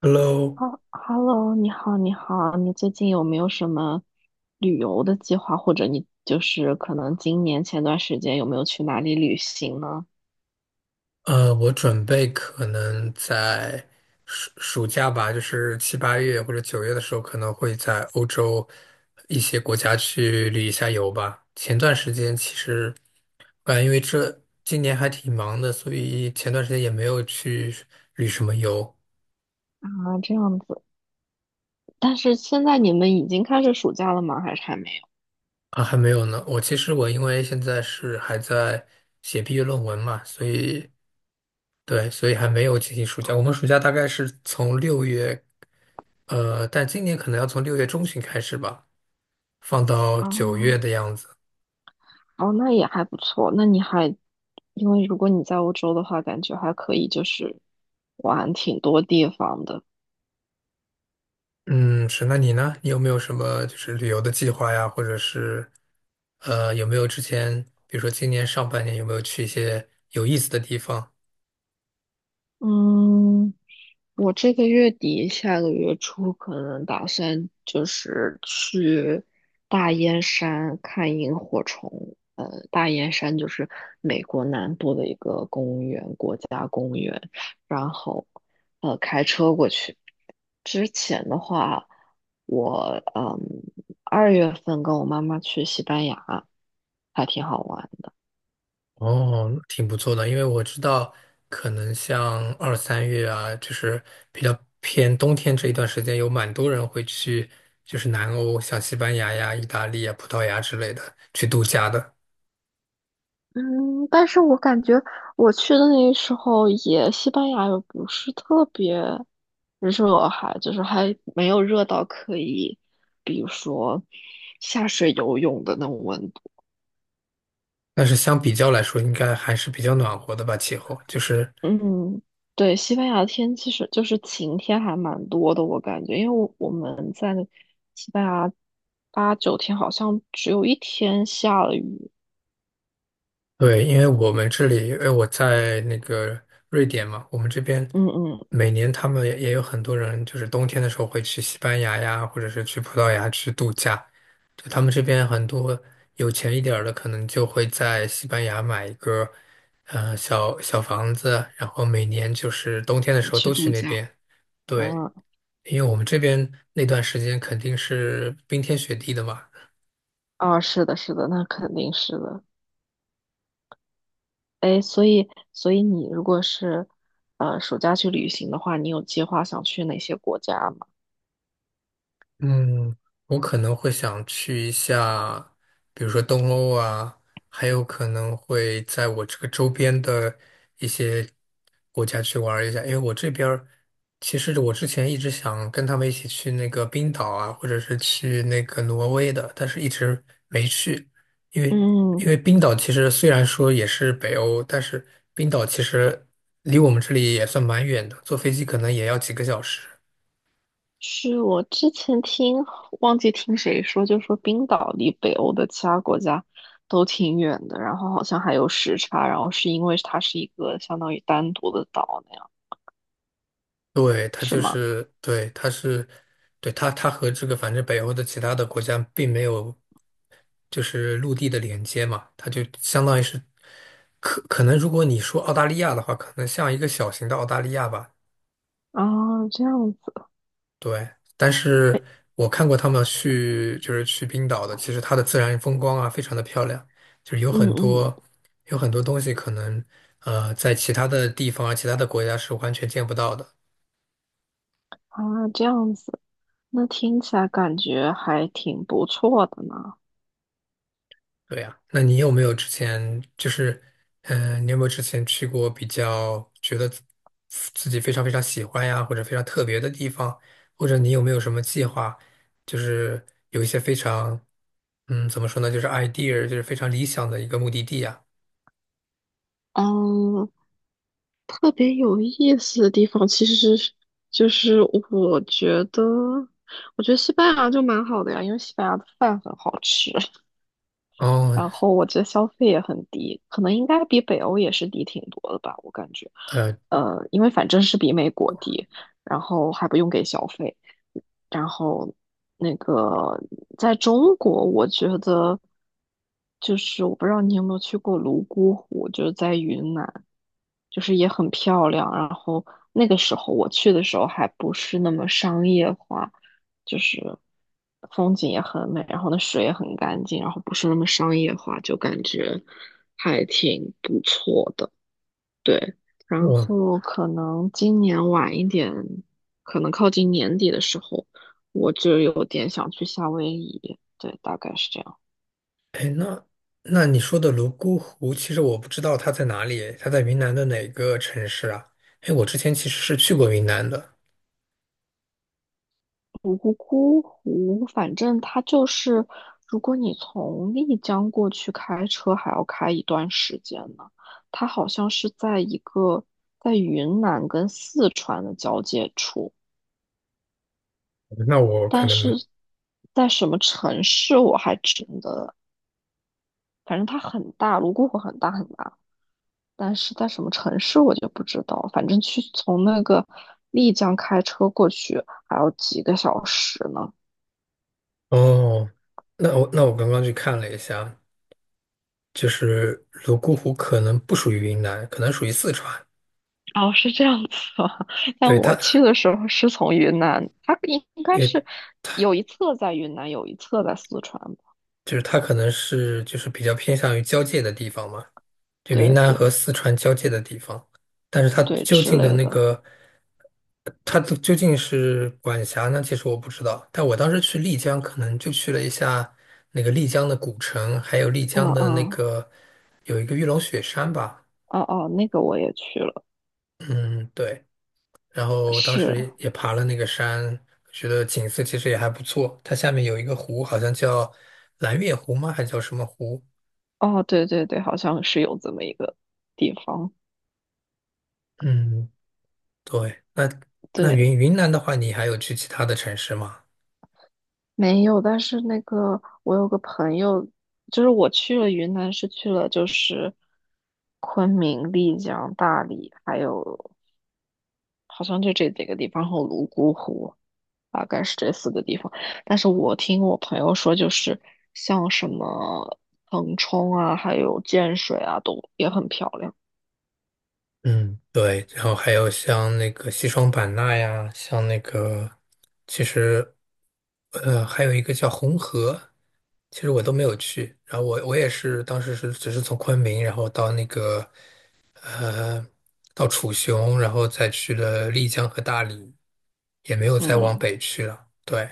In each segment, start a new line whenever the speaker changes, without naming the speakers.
Hello，
哈，Hello，你好，你好，你最近有没有什么旅游的计划，或者你就是可能今年前段时间有没有去哪里旅行呢？
我准备可能在假吧，就是七八月或者九月的时候，可能会在欧洲一些国家去旅一下游吧。前段时间其实，因为这今年还挺忙的，所以前段时间也没有去旅什么游
啊，这样子，但是现在你们已经开始暑假了吗？还是还没有？
啊，还没有呢。其实我因为现在是还在写毕业论文嘛，所以对，所以还没有进行暑假。我们暑假大概是从六月。但今年可能要从六月中旬开始吧，放到九月
啊，
的样子。
哦，那也还不错，那你还，因为如果你在欧洲的话，感觉还可以，就是玩挺多地方的。
嗯，是，那你呢？你有没有什么就是旅游的计划呀？或者是有没有之前，比如说今年上半年有没有去一些有意思的地方？
嗯，我这个月底下个月初可能打算就是去大燕山看萤火虫。大燕山就是美国南部的一个公园，国家公园。然后，开车过去。之前的话，我2月份跟我妈妈去西班牙，还挺好玩。
哦，挺不错的，因为我知道可能像二三月啊，就是比较偏冬天这一段时间，有蛮多人会去就是南欧，像西班牙呀、意大利啊、葡萄牙之类的去度假的。
嗯，但是我感觉我去的那时候也西班牙也不是特别。只是我还就是还没有热到可以，比如说下水游泳的那种温度。
但是相比较来说，应该还是比较暖和的吧，气候。就是，
嗯，对，西班牙的天气是就是晴天还蛮多的，我感觉，因为我们在西班牙8、9天好像只有1天下了雨。
对，因为我们这里，因为我在那个瑞典嘛，我们这边
嗯嗯，
每年他们也有很多人，就是冬天的时候会去西班牙呀，或者是去葡萄牙去度假。就他们这边很多有钱一点儿的，可能就会在西班牙买一个，小小房子，然后每年就是冬天的
嗯
时候
去
都去
度
那
假。
边。对，
嗯
因为我们这边那段时间肯定是冰天雪地的嘛。
啊，是的，是的，那肯定是的。哎，所以你如果是暑假去旅行的话，你有计划想去哪些国家吗？
嗯，我可能会想去一下，比如说东欧啊，还有可能会在我这个周边的一些国家去玩儿一下，因为我这边儿其实我之前一直想跟他们一起去那个冰岛啊，或者是去那个挪威的，但是一直没去，因为
嗯。
因为冰岛其实虽然说也是北欧，但是冰岛其实离我们这里也算蛮远的，坐飞机可能也要几个小时。
是我之前听，忘记听谁说，就说冰岛离北欧的其他国家都挺远的，然后好像还有时差，然后是因为它是一个相当于单独的岛那样，
对，它
是
就
吗？
是，对，它是，对，它和这个反正北欧的其他的国家并没有就是陆地的连接嘛，它就相当于是能如果你说澳大利亚的话，可能像一个小型的澳大利亚吧，
啊，这样子，
对。但
哎，
是我看过他们去就是去冰岛的，其实它的自然风光啊非常的漂亮，就是有
嗯
很
嗯，
多有很多东西可能在其他的地方啊其他的国家是完全见不到的。
啊，这样子，那听起来感觉还挺不错的呢。
对呀，那你有没有之前就是，嗯、你有没有之前去过比较觉得己非常非常喜欢呀，或者非常特别的地方，或者你有没有什么计划，就是有一些非常，嗯，怎么说呢，就是 idea，就是非常理想的一个目的地呀？
嗯，特别有意思的地方，其实是就是我觉得，我觉得西班牙就蛮好的呀，因为西班牙的饭很好吃。
哦，
然后我觉得消费也很低，可能应该比北欧也是低挺多的吧，我感觉，
呃，
因为反正是比美国低，然后还不用给小费，然后那个在中国，我觉得就是我不知道你有没有去过泸沽湖，就是在云南。就是也很漂亮。然后那个时候我去的时候还不是那么商业化，就是风景也很美，然后那水也很干净，然后不是那么商业化，就感觉还挺不错的。对，然
我，
后可能今年晚一点，可能靠近年底的时候，我就有点想去夏威夷。对，大概是这样。
哎，那你说的泸沽湖，其实我不知道它在哪里，它在云南的哪个城市啊？哎，我之前其实是去过云南的，
泸沽湖，反正它就是，如果你从丽江过去开车，还要开一段时间呢。它好像是在一个在云南跟四川的交界处，
那我可
但是
能。
在什么城市我还真的，反正它很大，泸沽湖很大很大，但是在什么城市我就不知道。反正去从那个丽江开车过去还要几个小时呢。
哦，那我刚刚去看了一下，就是泸沽湖可能不属于云南，可能属于四川。
哦，是这样子啊。但
对，
我
它，
去的时候是从云南，它应该是
也
有一侧在云南，有一侧在四川吧
就是它可能是就是比较偏向于交界的地方嘛，就云
对
南
对
和四川交界的地方。但是它
对，
究
之
竟的
类
那
的。
个，它的究竟是管辖呢？其实我不知道。但我当时去丽江，可能就去了一下那个丽江的古城，还有丽
嗯
江的那
嗯，
个有一个玉龙雪山吧。
哦哦，那个我也去了。
嗯，对。然后当
是，
时也爬了那个山，觉得景色其实也还不错。它下面有一个湖，好像叫蓝月湖吗？还叫什么湖？
哦对对对，好像是有这么一个地方。
嗯，对。那
对，
南的话，你还有去其他的城市吗？
没有，但是那个我有个朋友，就是我去了云南，是去了就是昆明、丽江、大理，还有好像就这几个地方，和泸沽湖。大概是这4个地方。但是我听我朋友说，就是像什么腾冲啊，还有建水啊，都也很漂亮。
嗯，对，然后还有像那个西双版纳呀，像那个，其实，还有一个叫红河，其实我都没有去。然后我也是当时是只是从昆明，然后到那个，呃，到楚雄，然后再去了丽江和大理，也没有再往
嗯
北去了。对，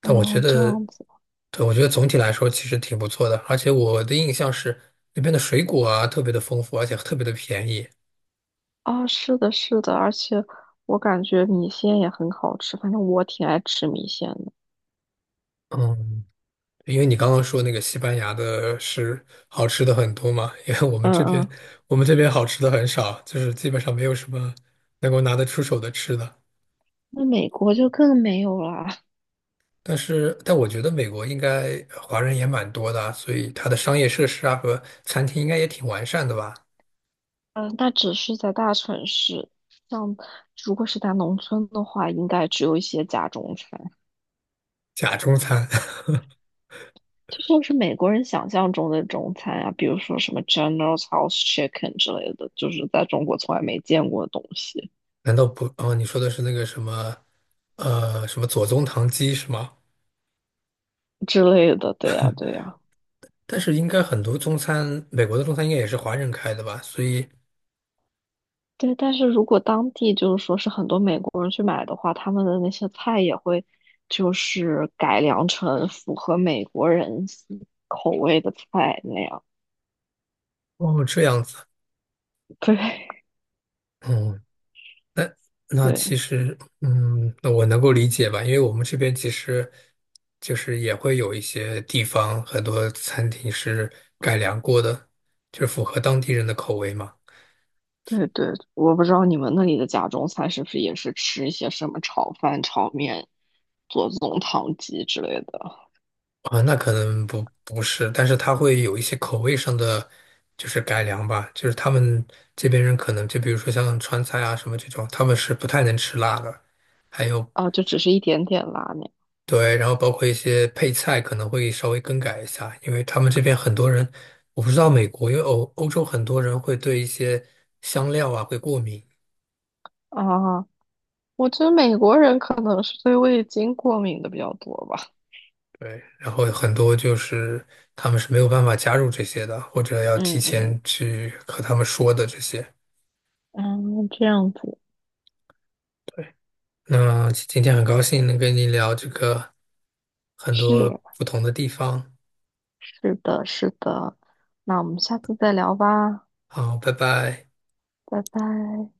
但我觉
嗯，这
得，
样子
对，我觉得总体来说其实挺不错的，而且我的印象是那边的水果啊特别的丰富，而且特别的便宜。
啊，是的，是的，而且我感觉米线也很好吃，反正我挺爱吃米线的。
嗯。因为你刚刚说那个西班牙的是好吃的很多嘛，因为我们
嗯
这边
嗯，
我们这边好吃的很少，就是基本上没有什么能够拿得出手的吃的。
那美国就更没有啦。
但是，但我觉得美国应该华人也蛮多的啊所以它的商业设施啊和餐厅应该也挺完善的吧？
嗯，那只是在大城市，像如果是在农村的话，应该只有一些家中餐。
假中餐
这就是美国人想象中的中餐啊，比如说什么 General House Chicken 之类的，就是在中国从来没见过的东西
难道不？哦，你说的是那个什么，什么左宗棠鸡是吗？
之类的。对呀，对呀，
但是应该很多中餐，美国的中餐应该也是华人开的吧？所以，
对。但是如果当地就是说是很多美国人去买的话，他们的那些菜也会就是改良成符合美国人口味的菜那样。
哦，这样子。
对，
嗯。那
对，
其实，嗯，那我能够理解吧，因为我们这边其实就是也会有一些地方，很多餐厅是改良过的，就是符合当地人的口味嘛。
对，对。我不知道你们那里的家中菜是不是也是吃一些什么炒饭、炒面、左宗棠鸡之类的。
啊，那可能不不是，但是它会有一些口味上的就是改良吧，就是他们这边人可能就比如说像川菜啊什么这种，他们是不太能吃辣的，还有
啊，就只是一点点拉面
对，然后包括一些配菜可能会稍微更改一下，因为他们这边很多人，我不知道美国，因为洲很多人会对一些香料啊会过敏，
啊。我觉得美国人可能是对味精过敏的比较多吧。
对，然后很多就是他们是没有办法加入这些的，或者要提
嗯
前
嗯
去和他们说的这些。
嗯，这样子
对，那今天很高兴能跟你聊这个很多
是
不同的地方，
是的，是的。那我们下次再聊吧，
好，拜拜。
拜拜。